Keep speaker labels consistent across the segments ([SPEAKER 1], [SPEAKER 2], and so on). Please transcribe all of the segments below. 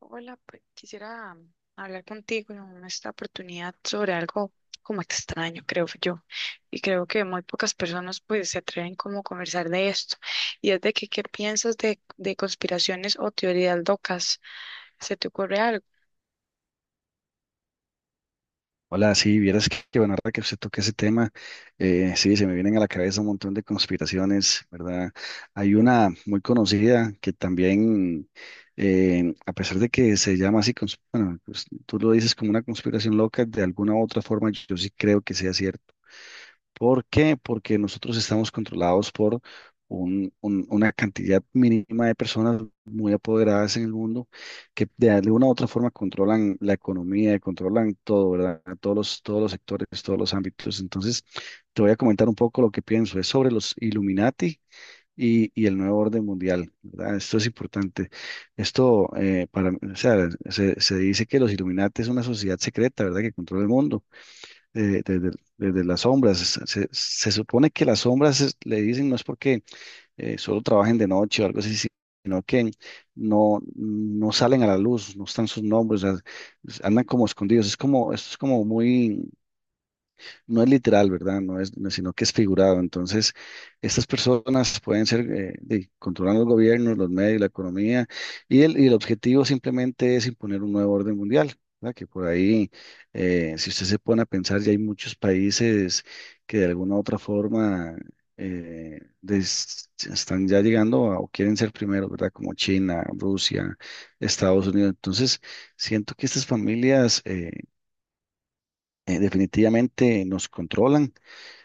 [SPEAKER 1] Hola, pues quisiera hablar contigo en esta oportunidad sobre algo como extraño, creo yo, y creo que muy pocas personas pues se atreven como a conversar de esto. Y es de que, ¿qué piensas de conspiraciones o teorías locas? ¿Se te ocurre algo?
[SPEAKER 2] Hola, sí, vieras que bueno, ahora que usted toca ese tema, sí, se me vienen a la cabeza un montón de conspiraciones, ¿verdad? Hay una muy conocida que también, a pesar de que se llama así, bueno, pues, tú lo dices como una conspiración loca, de alguna u otra forma yo sí creo que sea cierto. ¿Por qué? Porque nosotros estamos controlados por una cantidad mínima de personas muy apoderadas en el mundo que de alguna u otra forma controlan la economía, y controlan todo, ¿verdad? Todos los sectores, todos los ámbitos. Entonces, te voy a comentar un poco lo que pienso. Es sobre los Illuminati y el nuevo orden mundial, ¿verdad? Esto es importante. Esto, para, o sea, se dice que los Illuminati es una sociedad secreta, ¿verdad? Que controla el mundo desde, desde las sombras. Se supone que las sombras le dicen no es porque solo trabajen de noche o algo así, sino que no, no salen a la luz, no están sus nombres, o sea, andan como escondidos. Es como, esto es como muy no es literal, ¿verdad? No es, no- sino que es figurado. Entonces, estas personas pueden ser, controlan los gobiernos, los medios, la economía, y el objetivo simplemente es imponer un nuevo orden mundial, ¿verdad? Que por ahí, si usted se pone a pensar, ya hay muchos países que de alguna u otra forma están ya llegando o quieren ser primeros, ¿verdad? Como China, Rusia, Estados Unidos. Entonces, siento que estas familias... definitivamente nos controlan.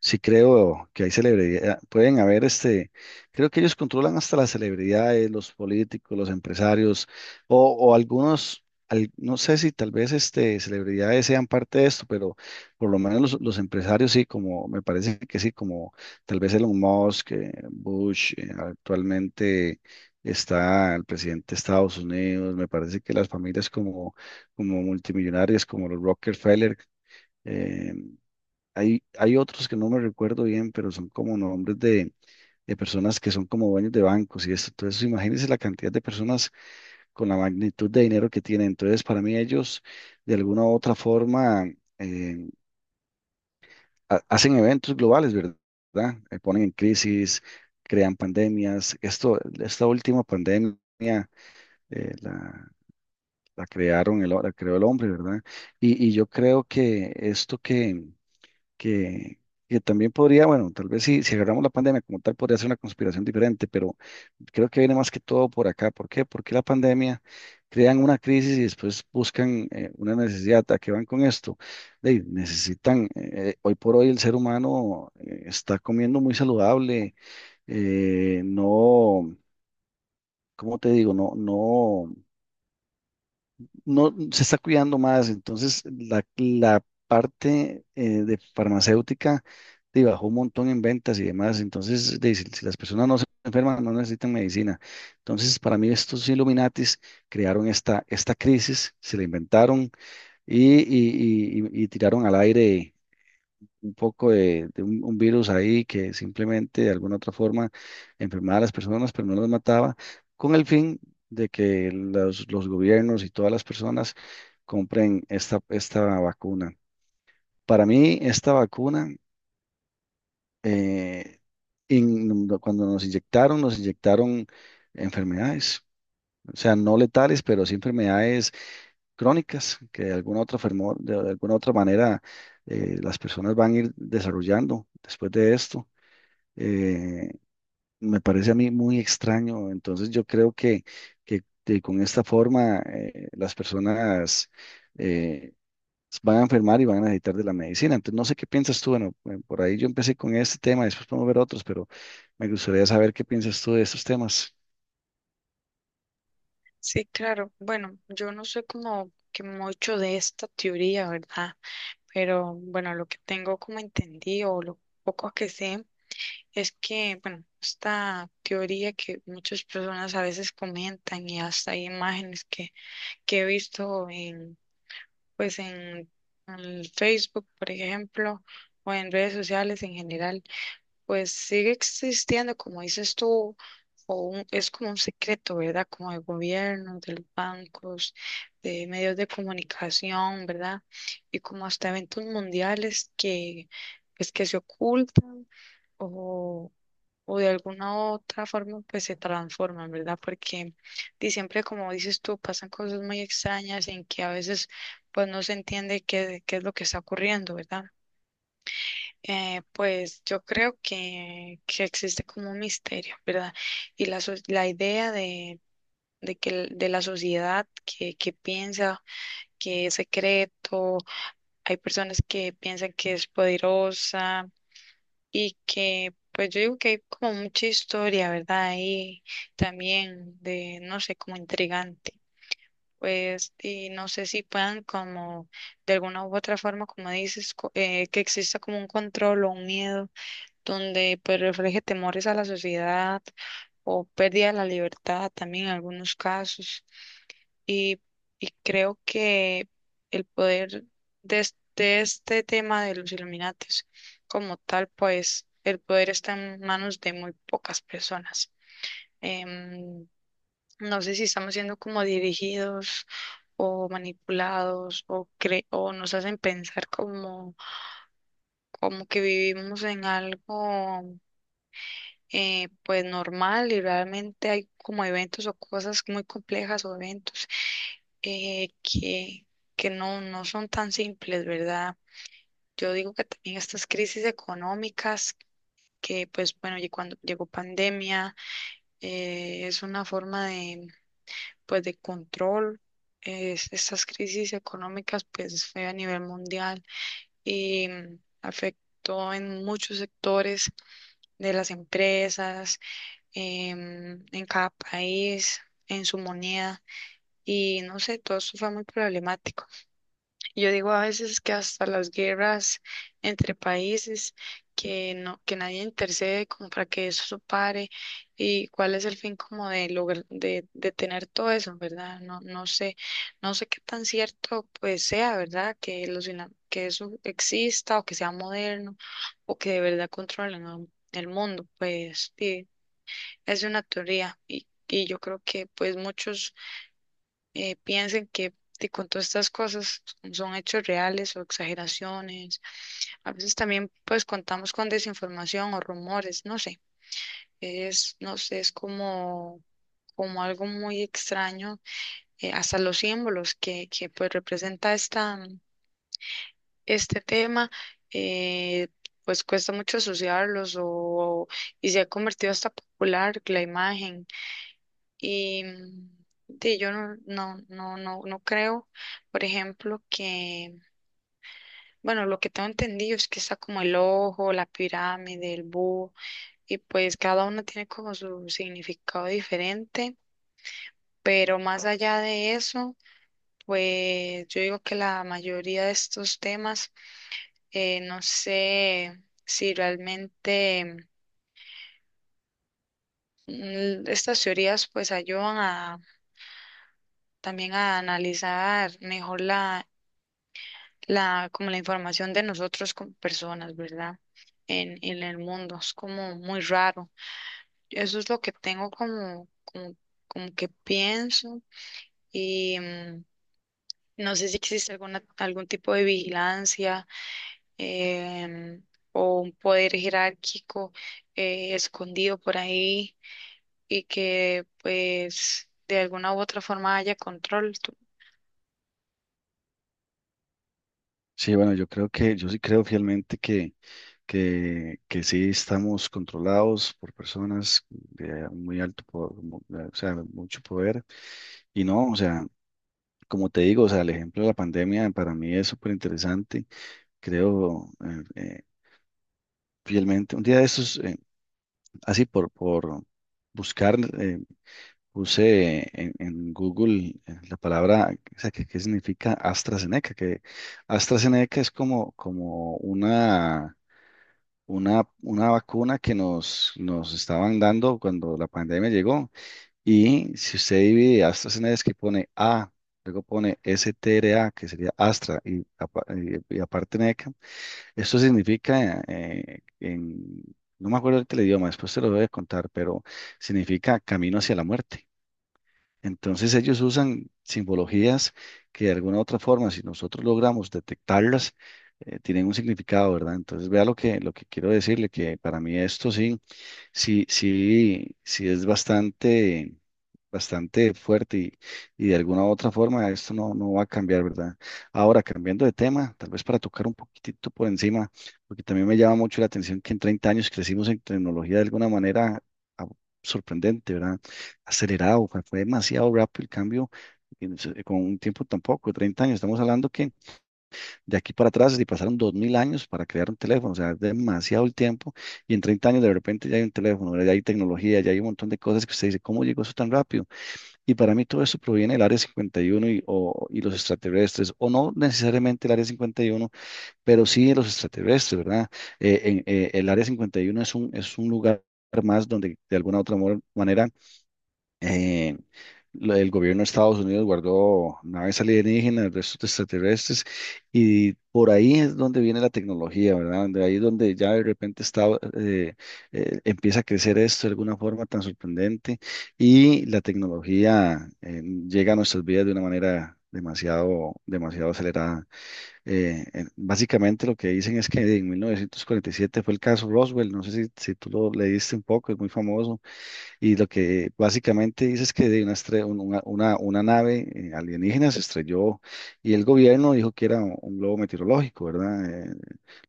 [SPEAKER 2] Sí, creo que hay celebridades, pueden haber este, creo que ellos controlan hasta las celebridades, los políticos, los empresarios, o algunos, no sé si tal vez este, celebridades sean parte de esto, pero por lo menos los empresarios sí, como me parece que sí, como tal vez Elon Musk, Bush, actualmente está el presidente de Estados Unidos, me parece que las familias como, como multimillonarias, como los Rockefeller. eh, hay otros que no me recuerdo bien, pero son como nombres de personas que son como dueños de bancos y esto. Entonces, imagínense la cantidad de personas con la magnitud de dinero que tienen. Entonces, para mí ellos, de alguna u otra forma, eh, hacen eventos globales, ¿verdad? Ponen en crisis, crean pandemias. Esto, esta última pandemia, eh, la, la crearon, la creó el hombre, ¿verdad? Y yo creo que esto que, que también podría, bueno, tal vez si agarramos la pandemia como tal, podría ser una conspiración diferente, pero creo que viene más que todo por acá. ¿Por qué? Porque la pandemia crean una crisis y después buscan una necesidad. ¿A qué van con esto? Necesitan, hoy por hoy el ser humano está comiendo muy saludable, no, ¿cómo te digo? No, no se está cuidando más, entonces la parte de farmacéutica bajó un montón en ventas y demás, entonces de, si las personas no se enferman, no necesitan medicina. Entonces, para mí estos Illuminatis crearon esta crisis, se la inventaron y tiraron al aire un poco de un virus ahí que simplemente de alguna otra forma enfermaba a las personas, pero no las mataba, con el fin de que los gobiernos y todas las personas compren esta vacuna. Para mí, esta vacuna, eh, no, cuando nos inyectaron enfermedades. O sea, no letales, pero sí enfermedades crónicas que de alguna otra, de alguna otra manera las personas van a ir desarrollando después de esto. eh, me parece a mí muy extraño. Entonces yo creo que con esta forma las personas eh, van a enfermar y van a necesitar de la medicina. Entonces no sé qué piensas tú. Bueno, por ahí yo empecé con este tema, después podemos ver otros, pero me gustaría saber qué piensas tú de estos temas.
[SPEAKER 1] Sí, claro. Bueno, yo no sé como que mucho de esta teoría, ¿verdad? Pero bueno, lo que tengo como entendido o lo poco que sé es que, bueno, esta teoría que muchas personas a veces comentan y hasta hay imágenes que he visto pues en Facebook, por ejemplo, o en redes sociales en general, pues sigue existiendo, como dices tú, o es como un secreto, ¿verdad? Como del gobierno, de los bancos, de medios de comunicación, ¿verdad? Y como hasta eventos mundiales que, pues, que se ocultan o de alguna otra forma pues se transforman, ¿verdad? Porque siempre como dices tú, pasan cosas muy extrañas en que a veces pues no se entiende qué es lo que está ocurriendo, ¿verdad? Pues yo creo que existe como un misterio, ¿verdad? Y la idea de que de la sociedad que piensa que es secreto, hay personas que piensan que es poderosa y que pues yo digo que hay como mucha historia, ¿verdad? Ahí también de, no sé, como intrigante. Pues, y no sé si puedan como, de alguna u otra forma, como dices, que exista como un control o un miedo donde pues refleje temores a la sociedad o pérdida de la libertad también en algunos casos. Y, y creo que el poder de este tema de los Illuminatis como tal, pues el poder está en manos de muy pocas personas. Em, no sé si estamos siendo como dirigidos o manipulados o nos hacen pensar como que vivimos en algo pues normal y realmente hay como eventos o cosas muy complejas o eventos eh, que, que no son tan simples, ¿verdad? Yo digo que también estas crisis económicas que pues bueno, y cuando llegó pandemia, es una forma de pues de control. Estas crisis económicas pues fue a nivel mundial y afectó en muchos sectores de las empresas, en cada país, en su moneda, y no sé, todo eso fue muy problemático. Y yo digo a veces que hasta las guerras entre países, que no, que nadie intercede como para que eso pare, y cuál es el fin como de lograr, de tener todo eso, ¿verdad? No, no sé, no sé qué tan cierto pues sea, ¿verdad? Que que eso exista o que sea moderno o que de verdad controlen el mundo, pues sí es una teoría y yo creo que pues muchos piensan que con todas estas cosas son hechos reales o exageraciones. A veces también pues contamos con desinformación o rumores, no sé, es, no sé, es como, como algo muy extraño, hasta los símbolos que pues representa este tema, eh, pues cuesta mucho asociarlos o, y se ha convertido hasta popular la imagen. Y sí, yo no creo, por ejemplo, que, bueno, lo que tengo entendido es que está como el ojo, la pirámide, el búho, y pues cada uno tiene como su significado diferente, pero más allá de eso, pues yo digo que la mayoría de estos temas, no sé si realmente estas teorías pues ayudan a también a analizar mejor como la información de nosotros como personas, ¿verdad? En el mundo, es como muy raro. Eso es lo que tengo como, como, como que pienso y no sé si existe alguna, algún tipo de vigilancia, em, o un poder jerárquico escondido por ahí y que pues de alguna u otra forma haya control.
[SPEAKER 2] Sí, bueno, yo creo yo sí creo fielmente que sí estamos controlados por personas de muy alto, o sea, mucho poder. Y no, o sea, como te digo, o sea, el ejemplo de la pandemia para mí es súper interesante. Creo fielmente. Un día de estos, así por buscar, puse en Google la palabra, o sea, qué significa AstraZeneca, que AstraZeneca es como, como una vacuna que nos, nos estaban dando cuando la pandemia llegó. Y si usted divide AstraZeneca, que pone A, luego pone STRA, que sería Astra, y, y aparte NECA, esto significa, no me acuerdo ahorita el idioma, después te lo voy a contar, pero significa camino hacia la muerte. Entonces ellos usan simbologías que de alguna u otra forma, si nosotros logramos detectarlas, tienen un significado, ¿verdad? Entonces vea lo que quiero decirle, que para mí esto sí. Sí es bastante, bastante fuerte y de alguna u otra forma esto no, no va a cambiar, ¿verdad? Ahora, cambiando de tema, tal vez para tocar un poquitito por encima, porque también me llama mucho la atención que en 30 años crecimos en tecnología de alguna manera ah, sorprendente, ¿verdad? Acelerado, fue demasiado rápido el cambio en- con un tiempo tampoco. 30 años, estamos hablando que de aquí para atrás, si pasaron 2000 años para crear un teléfono, o sea, es demasiado el tiempo. Y en 30 años, de repente, ya hay un teléfono, ¿verdad? Ya hay tecnología, ya hay un montón de cosas que usted dice, ¿cómo llegó eso tan rápido? Y para mí, todo eso proviene del Área cincuenta y, uno y, o- y los extraterrestres, o no necesariamente el Área cincuenta y uno, pero sí de los extraterrestres, ¿verdad? El Área 51 es un lugar más donde de alguna u otra manera eh, el gobierno de Estados Unidos guardó naves alienígenas, restos de extraterrestres, y por ahí es donde viene la tecnología, ¿verdad? De ahí es donde ya de repente está, eh, empieza a crecer esto de alguna forma tan sorprendente y la tecnología llega a nuestras vidas de una manera... demasiado, demasiado acelerada. Básicamente lo que dicen es que en 1947 fue el caso Roswell, no sé si tú lo leíste un poco, es muy famoso y lo que básicamente dice es que de una, estre- un- una nave alienígena se estrelló y el gobierno dijo que era un globo meteorológico, ¿verdad?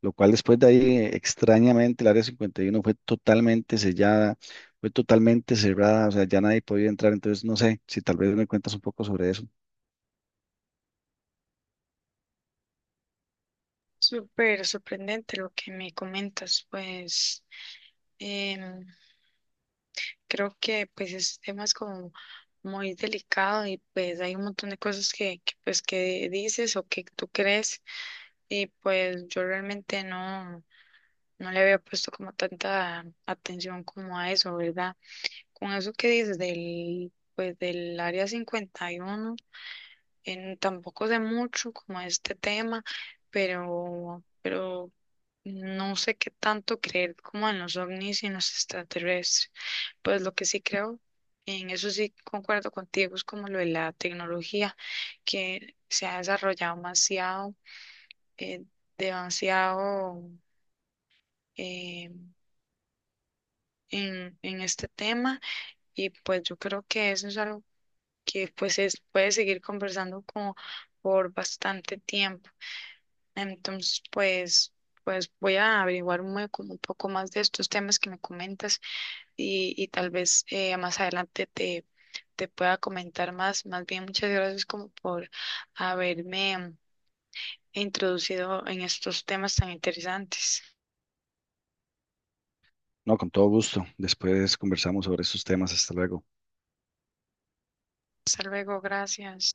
[SPEAKER 2] Lo cual después de ahí, extrañamente, el Área 51 fue totalmente sellada, fue totalmente cerrada, o sea, ya nadie podía entrar. Entonces, no sé si tal vez me cuentas un poco sobre eso.
[SPEAKER 1] Súper sorprendente lo que me comentas, pues. Em, Creo que pues ese tema es como muy delicado y pues hay un montón de cosas pues que dices o que tú crees y pues yo realmente no, no le había puesto como tanta atención como a eso, ¿verdad? Con eso que dices del pues del área 51, tampoco sé mucho como este tema, pero no sé qué tanto creer como en los ovnis y en los extraterrestres. Pues lo que sí creo, en eso sí concuerdo contigo, es como lo de la tecnología que se ha desarrollado demasiado, eh, demasiado eh, en este tema y pues yo creo que eso es algo que pues es, puede seguir conversando como por bastante tiempo. Entonces pues, pues voy a averiguar como un poco más de estos temas que me comentas y tal vez más adelante te pueda comentar más. Más bien, muchas gracias como por haberme introducido en estos temas tan interesantes.
[SPEAKER 2] No, con todo gusto. Después conversamos sobre esos temas. Hasta luego.
[SPEAKER 1] Hasta luego, gracias.